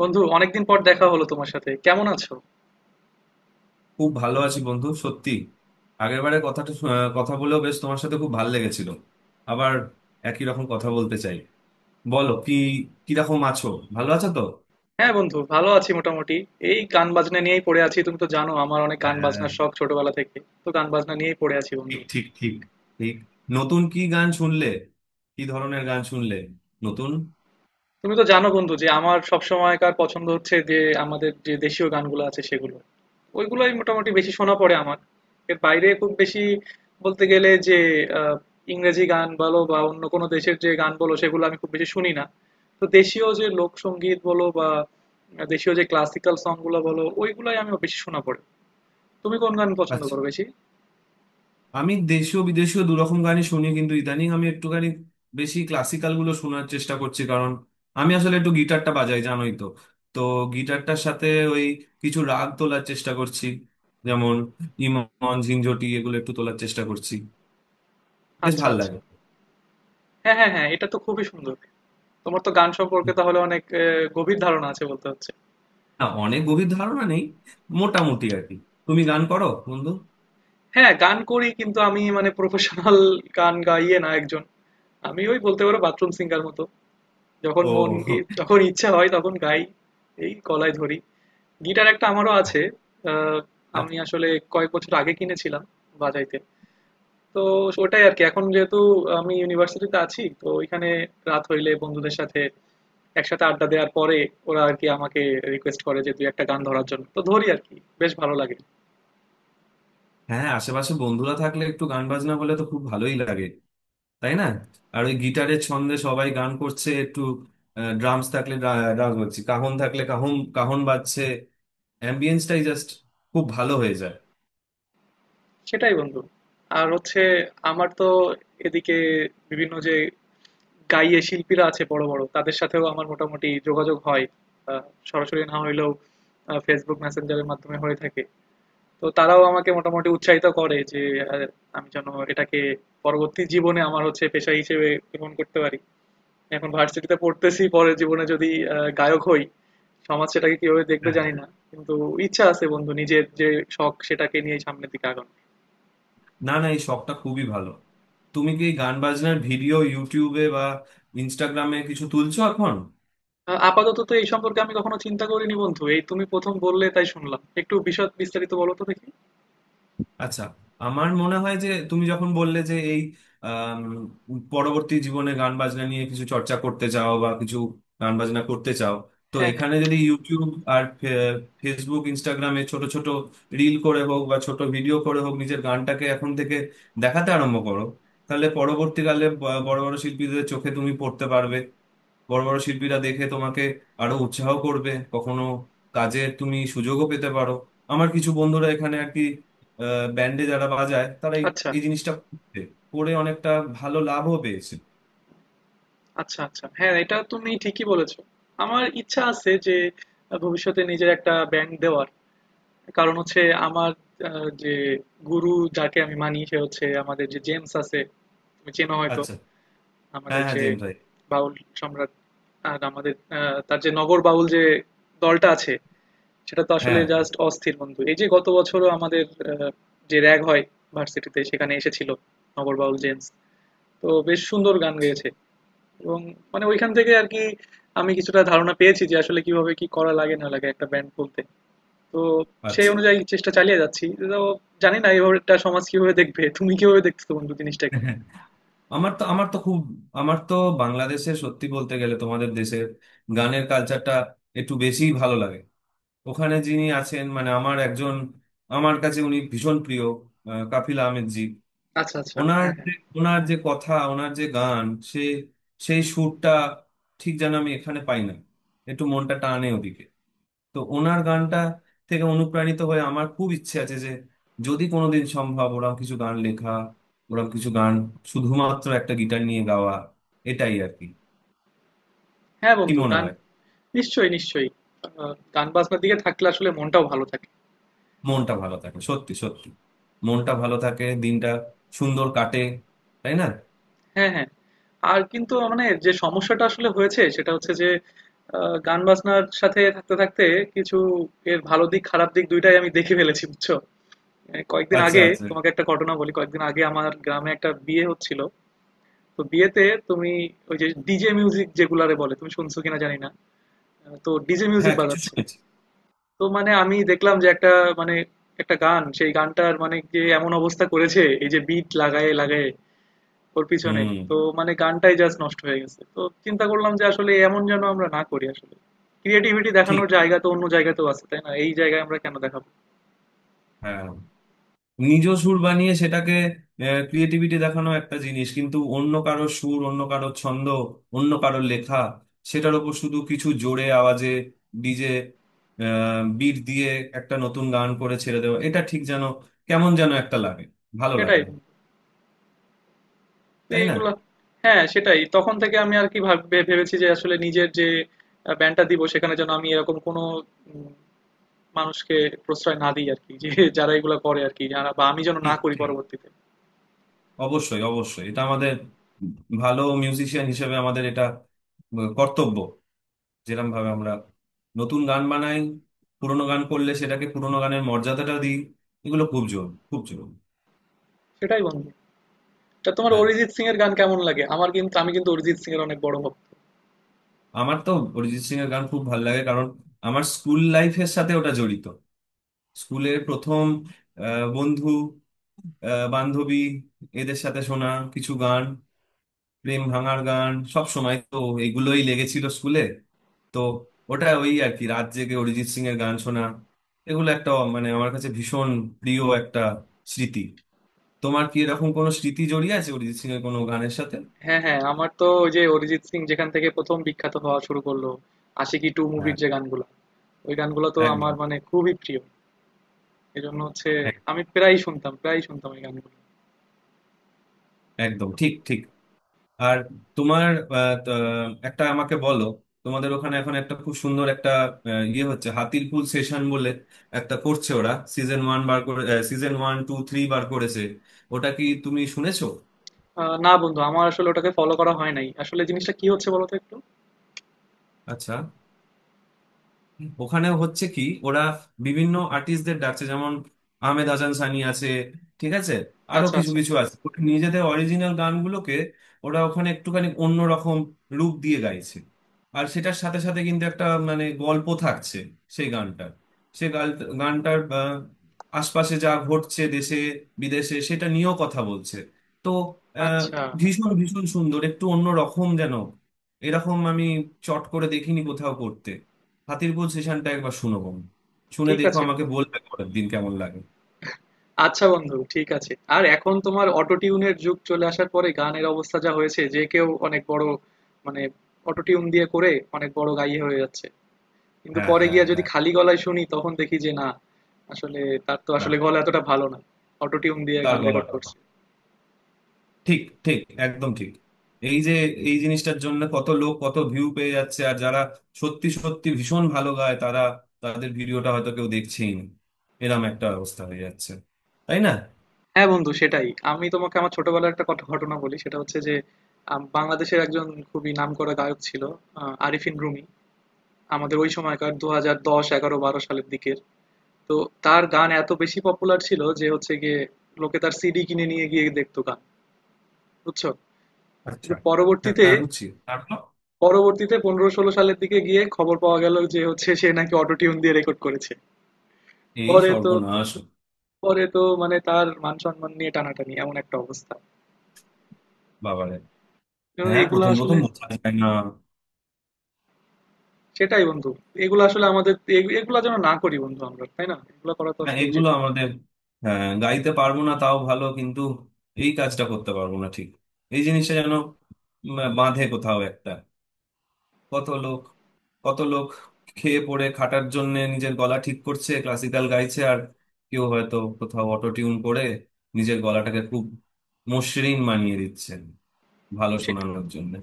বন্ধু, অনেকদিন পর দেখা হলো তোমার সাথে। কেমন আছো? খুব ভালো আছি বন্ধু, সত্যি। আগের বারে কথাটা কথা বলেও বেশ তোমার সাথে খুব ভালো লেগেছিল। আবার একই রকম কথা বলতে চাই। বলো কি, কিরকম আছো? ভালো আছো তো? হ্যাঁ বন্ধু, ভালো আছি মোটামুটি। এই গান বাজনা নিয়েই পড়ে আছি। তুমি তো জানো আমার অনেক গান হ্যাঁ। বাজনার শখ ছোটবেলা থেকে। তো গান বাজনা নিয়েই পড়ে আছি বন্ধু। ঠিক ঠিক ঠিক। ঠিক। নতুন কি গান শুনলে? কি ধরনের গান শুনলে নতুন? তুমি তো জানো বন্ধু যে আমার সব সময়কার পছন্দ হচ্ছে যে আমাদের যে দেশীয় গানগুলো আছে সেগুলো, ওইগুলোই মোটামুটি বেশি শোনা পড়ে আমার। এর বাইরে খুব বেশি বলতে গেলে যে আহ, ইংরেজি গান বলো বা অন্য কোনো দেশের যে গান বলো, সেগুলো আমি খুব বেশি শুনি না। তো দেশীয় যে লোকসঙ্গীত বলো বা দেশীয় যে ক্লাসিক্যাল সং গুলো বলো, ওইগুলাই আমি বেশি শোনা পড়ে। তুমি কোন গান পছন্দ আচ্ছা, করো বেশি? আমি দেশীয় বিদেশীয় দুরকম গানই শুনি, কিন্তু ইদানিং আমি একটুখানি বেশি ক্লাসিক্যাল গুলো শোনার চেষ্টা করছি, কারণ আমি আসলে একটু গিটারটা বাজাই, জানোই তো। তো গিটারটার সাথে ওই কিছু রাগ তোলার চেষ্টা করছি, যেমন ইমন, ঝিনঝটি, এগুলো একটু তোলার চেষ্টা করছি। বেশ আচ্ছা ভাল আচ্ছা। লাগে। হ্যাঁ হ্যাঁ হ্যাঁ, এটা তো খুবই সুন্দর। তোমার তো গান সম্পর্কে তাহলে অনেক গভীর ধারণা আছে বলতে হচ্ছে। না, অনেক গভীর ধারণা নেই, মোটামুটি আর কি। তুমি গান করো বন্ধু? হ্যাঁ, গান করি কিন্তু আমি মানে প্রফেশনাল গান গাইয়ে না একজন। আমি ওই বলতে পারো বাথরুম সিঙ্গার মতো। ও। যখন ইচ্ছা হয় তখন গাই। এই গলায় ধরি। গিটার একটা আমারও আছে। আহ, আমি আসলে কয়েক বছর আগে কিনেছিলাম বাজাইতে। তো ওটাই আর কি। এখন যেহেতু আমি ইউনিভার্সিটিতে আছি তো ওইখানে রাত হইলে বন্ধুদের সাথে একসাথে আড্ডা দেওয়ার পরে ওরা আর কি আমাকে রিকোয়েস্ট করে যে দুই একটা গান ধরার জন্য। তো ধরি আর কি। বেশ ভালো লাগে। হ্যাঁ, আশেপাশে বন্ধুরা থাকলে একটু গান বাজনা বলে তো খুব ভালোই লাগে, তাই না? আর ওই গিটারের ছন্দে সবাই গান করছে একটু, ড্রামস থাকলে ড্রামস বাজছে, কাহন থাকলে কাহন কাহন বাজছে, অ্যাম্বিয়েন্সটাই জাস্ট খুব ভালো হয়ে যায়। সেটাই বন্ধু। আর হচ্ছে আমার তো এদিকে বিভিন্ন যে গাইয়ে শিল্পীরা আছে বড় বড়, তাদের সাথেও আমার মোটামুটি যোগাযোগ হয়। আহ, সরাসরি না হইলেও ফেসবুক মেসেঞ্জারের মাধ্যমে হয়ে থাকে। তো তারাও আমাকে মোটামুটি উৎসাহিত করে যে আহ, আমি যেন এটাকে পরবর্তী জীবনে আমার হচ্ছে পেশা হিসেবে গ্রহণ করতে পারি। এখন ভার্সিটিতে পড়তেছি, পরে জীবনে যদি গায়ক হই, সমাজ সেটাকে কিভাবে দেখবে হ্যাঁ। জানি না, কিন্তু ইচ্ছা আছে বন্ধু নিজের যে শখ সেটাকে নিয়ে সামনের দিকে আগানো। না না, এই শখটা খুবই ভালো। তুমি কি এই গান বাজনার ভিডিও ইউটিউবে বা ইনস্টাগ্রামে কিছু তুলছো এখন? আপাতত তো এই সম্পর্কে আমি কখনো চিন্তা করিনি বন্ধু, এই তুমি প্রথম বললে, তাই শুনলাম একটু। বিশদ বিস্তারিত বলো তো দেখি। আচ্ছা, আমার মনে হয় যে তুমি যখন বললে যে এই আম, পরবর্তী জীবনে গান বাজনা নিয়ে কিছু চর্চা করতে চাও বা কিছু গান বাজনা করতে চাও, তো হ্যাঁ হ্যাঁ। এখানে যদি ইউটিউব আর ফেসবুক ইনস্টাগ্রামে ছোট ছোট রিল করে হোক বা ছোট ভিডিও করে হোক, নিজের গানটাকে এখন থেকে দেখাতে আরম্ভ করো, তাহলে পরবর্তীকালে বড় বড় শিল্পীদের চোখে তুমি পড়তে পারবে। বড় বড় শিল্পীরা দেখে তোমাকে আরো উৎসাহ করবে, কখনো কাজের তুমি সুযোগও পেতে পারো। আমার কিছু বন্ধুরা এখানে আর কি ব্যান্ডে যারা বাজায় তারা এই আচ্ছা। এই জিনিসটা করছে। করে অনেকটা ভালো লাভও পেয়েছে। আচ্ছা আচ্ছা, হ্যাঁ, এটা তুমি ঠিকই বলেছো। আমার ইচ্ছা আছে যে ভবিষ্যতে নিজের একটা ব্যাংক দেওয়ার। কারণ হচ্ছে আমার যে গুরু যাকে আমি মানি, সে হচ্ছে আমাদের যে জেমস আছে, তুমি চেনো হয়তো। আচ্ছা। হ্যাঁ আমাদের হ্যাঁ, যে জেমস ভাই। বাউল সম্রাট, আর আমাদের তার যে নগর বাউল যে দলটা আছে, সেটা তো আসলে হ্যাঁ। জাস্ট অস্থির বন্ধু। এই যে গত বছরও আমাদের আহ, যে র‍্যাগ হয় ভার্সিটিতে, সেখানে এসেছিল নগর বাউল জেমস। তো বেশ সুন্দর গান গেয়েছে, এবং মানে ওইখান থেকে আর কি আমি কিছুটা ধারণা পেয়েছি যে আসলে কিভাবে কি করা লাগে না লাগে একটা ব্যান্ড খুলতে। তো সেই আচ্ছা। অনুযায়ী চেষ্টা চালিয়ে যাচ্ছি। তো জানি না, এভাবে এটা সমাজ কিভাবে দেখবে, তুমি কিভাবে দেখছো বন্ধু জিনিসটাকে? আমার তো খুব, আমার তো বাংলাদেশে সত্যি বলতে গেলে তোমাদের দেশের গানের কালচারটা একটু বেশিই ভালো লাগে। ওখানে যিনি আছেন মানে আমার একজন, আমার কাছে উনি ভীষণ প্রিয়, কাফিল আহমেদ জি। আচ্ছা আচ্ছা, ওনার হ্যাঁ হ্যাঁ। যে ওনার যে কথা, ওনার যে গান, সে সেই সুরটা ঠিক যেন আমি এখানে পাই না, একটু মনটা টানে ওদিকে। তো ওনার গানটা থেকে অনুপ্রাণিত হয়ে আমার খুব ইচ্ছে আছে যে যদি কোনোদিন সম্ভব ওরকম কিছু গান লেখা, ওরকম কিছু গান শুধুমাত্র একটা গিটার নিয়ে গাওয়া, এটাই আর কি। হ্যাঁ কি বন্ধু, মনে গান হয়? নিশ্চয়ই নিশ্চয়ই গান বাজনার দিকে থাকলে আসলে মনটাও ভালো থাকে। মনটা ভালো থাকে, সত্যি সত্যি মনটা ভালো থাকে, দিনটা সুন্দর কাটে, তাই না? হ্যাঁ হ্যাঁ। আর কিন্তু মানে যে সমস্যাটা আসলে হয়েছে, সেটা হচ্ছে যে গান বাজনার সাথে থাকতে থাকতে কিছু এর ভালো দিক খারাপ দিক দুইটাই আমি দেখে ফেলেছি, বুঝছো। এই কয়েকদিন আচ্ছা আগে আচ্ছা। তোমাকে একটা ঘটনা বলি। কয়েকদিন আগে আমার গ্রামে একটা বিয়ে হচ্ছিল। তো বিয়েতে তুমি ওই যে ডিজে মিউজিক যেগুলারে বলে, তুমি শুনছো কিনা জানি না। তো ডিজে মিউজিক হ্যাঁ কিছু বাজাচ্ছে। শুনেছি। তো মানে আমি দেখলাম যে একটা, মানে একটা গান, সেই গানটার মানে যে এমন অবস্থা করেছে এই যে বিট লাগায়ে লাগায়ে ওর পিছনেই। হুম। তো মানে গানটাই জাস্ট নষ্ট হয়ে গেছে। তো চিন্তা করলাম যে আসলে এমন যেন আমরা না করি আসলে। ক্রিয়েটিভিটি ঠিক। দেখানোর জায়গা তো অন্য জায়গাতেও আছে, তাই না? এই জায়গায় আমরা কেন দেখাবো? হ্যাঁ, নিজ সুর বানিয়ে সেটাকে ক্রিয়েটিভিটি দেখানো একটা জিনিস, কিন্তু অন্য কারো সুর, অন্য কারো ছন্দ, অন্য কারো লেখা, সেটার ওপর শুধু কিছু জোরে আওয়াজে ডিজে বিট দিয়ে একটা নতুন গান করে ছেড়ে দেওয়া, এটা ঠিক যেন কেমন যেন একটা লাগে, ভালো লাগে সেটাই। না, তো তাই না? এইগুলা হ্যাঁ, সেটাই। তখন থেকে আমি আর কি ভাব ভে ভেবেছি যে আসলে নিজের যে আ ব্যান্ডটা দিব, সেখানে যেন আমি এরকম কোনো উম মানুষকে প্রশ্রয় না দিই আরকি। যে যারা এগুলা করে আরকি, যারা, বা আমি যেন না ঠিক করি ঠিক। পরবর্তীতে। অবশ্যই অবশ্যই, এটা আমাদের ভালো মিউজিশিয়ান হিসেবে আমাদের এটা কর্তব্য। যেরকম ভাবে আমরা নতুন গান বানাই, পুরোনো গান করলে সেটাকে পুরোনো গানের মর্যাদাটা দিই। এগুলো খুব জোর, খুব জোর। সেটাই বন্ধু। তা তোমার হ্যাঁ। অরিজিৎ সিং এর গান কেমন লাগে? আমার কিন্তু আমি কিন্তু অরিজিৎ সিং এর অনেক বড় ভক্ত। আমার তো অরিজিৎ সিং এর গান খুব ভালো লাগে, কারণ আমার স্কুল লাইফের সাথে ওটা জড়িত। স্কুলের প্রথম বন্ধু, বান্ধবী, এদের সাথে শোনা কিছু গান, প্রেম ভাঙার গান, সব সময় তো এগুলোই লেগেছিল স্কুলে। তো ওটা ওই আর কি, রাত জেগে অরিজিৎ সিং এর গান শোনা, এগুলো একটা মানে আমার কাছে ভীষণ প্রিয় একটা স্মৃতি। তোমার কি এরকম কোনো স্মৃতি জড়িয়ে আছে অরিজিৎ সিং এর কোনো গানের সাথে? হ্যাঁ হ্যাঁ, আমার তো ওই যে অরিজিৎ সিং যেখান থেকে প্রথম বিখ্যাত হওয়া শুরু করলো, আশিকি টু মুভির হ্যাঁ। যে গানগুলো, ওই গানগুলো তো আমার একদম। মানে খুবই প্রিয়। এজন্য হচ্ছে এক- আমি প্রায়ই শুনতাম ওই গানগুলো। একদম ঠিক ঠিক। আর তোমার আহ, ত- একটা আমাকে বলো, তোমাদের ওখানে এখন একটা খুব সুন্দর একটা ইয়ে হচ্ছে হাতির পুল সেশন বলে একটা করছে, ওরা সিজন ওয়ান বার করে, সিজন ওয়ান টু থ্রি বার করেছে। ওটা কি তুমি শুনেছো? না বন্ধু, আমার আসলে ওটাকে ফলো করা হয় নাই। আসলে জিনিসটা কি হচ্ছে বলো তো একটু। আচ্ছা, ওখানে হচ্ছে কি ওরা বিভিন্ন আর্টিস্টদের ডাকছে, যেমন আহমেদ হাসান সানি আছে, ঠিক আছে, আরো আচ্ছা কিছু আচ্ছা। কিছু আছে। ওরা নিজেদের অরিজিনাল গানগুলোকে ওরা ওখানে একটুখানি অন্যরকম রূপ দিয়ে গাইছে। আর সেটার সাথে সাথে কিন্তু একটা মানে গল্প থাকছে সেই গানটার। সেই গানটার আশপাশে যা ঘটছে দেশে বিদেশে সেটা নিয়েও কথা বলছে। তো আহ, আচ্ছা, ভীষণ ভীষণ সুন্দর, একটু অন্য রকম যেন। এরকম আমি চট করে দেখিনি কোথাও করতে। হাতির পুল সেশনটা একবার শুনো বোন। শুনে ঠিক দেখো, আছে আমাকে বন্ধু। বলবে পরের দিন কেমন লাগে। আচ্ছা বন্ধু, ঠিক আছে। আর এখন তোমার অটো টিউনের যুগ চলে আসার পরে গানের অবস্থা যা হয়েছে যে কেউ অনেক বড়, মানে অটো টিউন দিয়ে করে অনেক বড় গাইয়ে হয়ে যাচ্ছে, কিন্তু হ্যাঁ পরে হ্যাঁ গিয়ে যদি হ্যাঁ। খালি গলায় শুনি তখন দেখি যে না, আসলে তার তো আসলে না, গলা এতটা ভালো না। অটোটিউন দিয়ে তার গান রেকর্ড গলাটা না। করছে। ঠিক ঠিক, একদম ঠিক। এই যে এই জিনিসটার জন্য কত লোক কত ভিউ পেয়ে যাচ্ছে, আর যারা সত্যি সত্যি ভীষণ ভালো গায় তারা, তাদের ভিডিওটা হয়তো কেউ দেখছেই না। এরম একটা অবস্থা হয়ে যাচ্ছে, তাই না? হ্যাঁ বন্ধু সেটাই। আমি তোমাকে আমার ছোটবেলার একটা ঘটনা বলি। সেটা হচ্ছে যে বাংলাদেশের একজন খুবই নামকরা গায়ক ছিল, আরিফিন রুমি, আমাদের ওই সময়কার 2010-11-12 সালের দিকের। তো তার গান এত বেশি পপুলার ছিল যে হচ্ছে গিয়ে লোকে তার সিডি কিনে নিয়ে গিয়ে দেখতো গান, বুঝছো। কিন্তু আচ্ছা। পরবর্তীতে, হ্যাঁ বুঝছি, তারপর? 2015-16 সালের দিকে গিয়ে খবর পাওয়া গেল যে হচ্ছে সে নাকি অটোটিউন দিয়ে রেকর্ড করেছে। এই পরে তো সর্বনাশ। পরে তো মানে তার মান সম্মান নিয়ে টানাটানি, এমন একটা অবস্থা। বাবারে। তো হ্যাঁ, এগুলা প্রথম আসলে প্রথম বোঝা যায় না। সেটাই বন্ধু। এগুলা আসলে আমাদের এগুলা যেন না করি বন্ধু আমরা, তাই না? এগুলা করা তো না, আসলে উচিত এগুলো আমাদের, হ্যাঁ, গাইতে পারবো না তাও ভালো, কিন্তু এই কাজটা করতে পারবো না। ঠিক। এই জিনিসটা যেন বাঁধে কোথাও একটা। কত লোক, কত লোক খেয়ে পড়ে খাটার জন্য নিজের গলা ঠিক করছে, ক্লাসিক্যাল গাইছে, আর কেউ হয়তো কোথাও অটো টিউন করে নিজের গলাটাকে খুব মসৃণ বানিয়ে দিচ্ছেন ভালো সে- শোনানোর জন্য।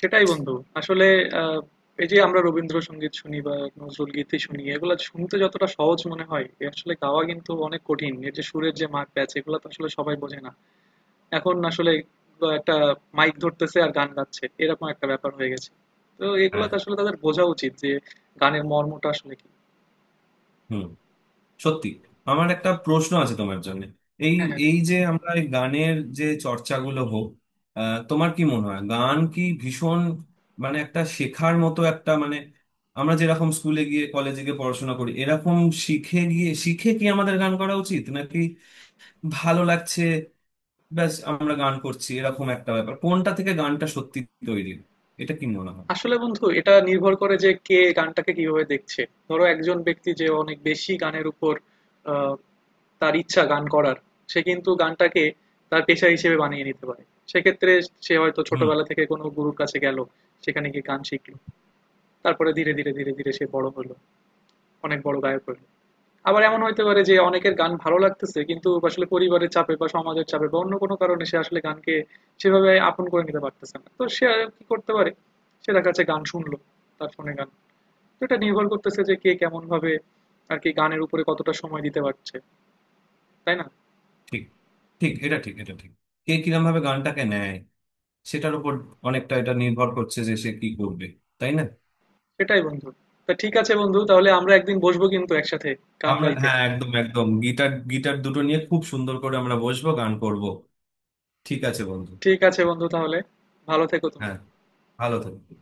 সেটাই বন্ধু। আসলে আহ, এই যে আমরা রবীন্দ্রসঙ্গীত শুনি বা নজরুল গীতি শুনি, এগুলা শুনতে যতটা সহজ মনে হয়, এ আসলে গাওয়া কিন্তু অনেক কঠিন। এর যে সুরের যে মার প্যাচ, এগুলা তো আসলে সবাই বোঝে না। এখন আসলে একটা মাইক ধরতেছে আর গান গাচ্ছে, এরকম একটা ব্যাপার হয়ে গেছে। তো এগুলা হ্যাঁ। তো আসলে তাদের বোঝা উচিত যে গানের মর্মটা আসলে কি। হুম। সত্যি। আমার একটা প্রশ্ন আছে তোমার জন্য। এই হ্যাঁ, হ্যাঁ। এই যে আমরা এই গানের যে চর্চাগুলো হোক, তোমার কি মনে হয় গান কি ভীষণ মানে একটা শেখার মতো একটা মানে, আমরা যেরকম স্কুলে গিয়ে কলেজে গিয়ে পড়াশোনা করি এরকম শিখে গিয়ে, শিখে কি আমাদের গান করা উচিত, নাকি ভালো লাগছে ব্যাস আমরা গান করছি এরকম একটা ব্যাপার, কোনটা থেকে গানটা সত্যি তৈরি? এটা কি মনে হয়? আসলে বন্ধু, এটা নির্ভর করে যে কে গানটাকে কিভাবে দেখছে। ধরো একজন ব্যক্তি যে অনেক বেশি গানের উপর আহ, তার ইচ্ছা গান করার, সে কিন্তু গানটাকে তার পেশা হিসেবে বানিয়ে নিতে পারে। সেক্ষেত্রে সে হয়তো হুম। ছোটবেলা থেকে কোনো গুরুর কাছে গেল, সেখানে গিয়ে গান শিখলো, তারপরে ধীরে ধীরে সে বড় হলো, অনেক বড় গায়ক হলো। আবার এমন হইতে পারে যে অনেকের গান ভালো লাগতেছে কিন্তু আসলে পরিবারের চাপে বা সমাজের চাপে বা অন্য কোনো কারণে সে আসলে গানকে সেভাবে আপন করে নিতে পারতেছে না, তো সে আর কি করতে পারে? সে দেখা যাচ্ছে গান শুনলো, তার ফোনে গান। তো এটা নির্ভর করতেছে যে কে কেমন ভাবে আর কি গানের উপরে কতটা সময় দিতে পারছে, তাই না? ঠিক ঠিক, এটা ঠিক, এটা ঠিক। কে কিরম ভাবে গানটাকে নেয় সেটার উপর অনেকটা এটা নির্ভর করছে যে সে কি করবে, তাই না? সেটাই বন্ধু। তা ঠিক আছে বন্ধু, তাহলে আমরা একদিন বসবো কিন্তু একসাথে গান আমরা, গাইতে। হ্যাঁ, একদম একদম, গিটার গিটার দুটো নিয়ে খুব সুন্দর করে আমরা বসবো, গান করব। ঠিক আছে বন্ধু। ঠিক আছে বন্ধু, তাহলে ভালো থেকো তুমি। হ্যাঁ, ভালো থাকবে।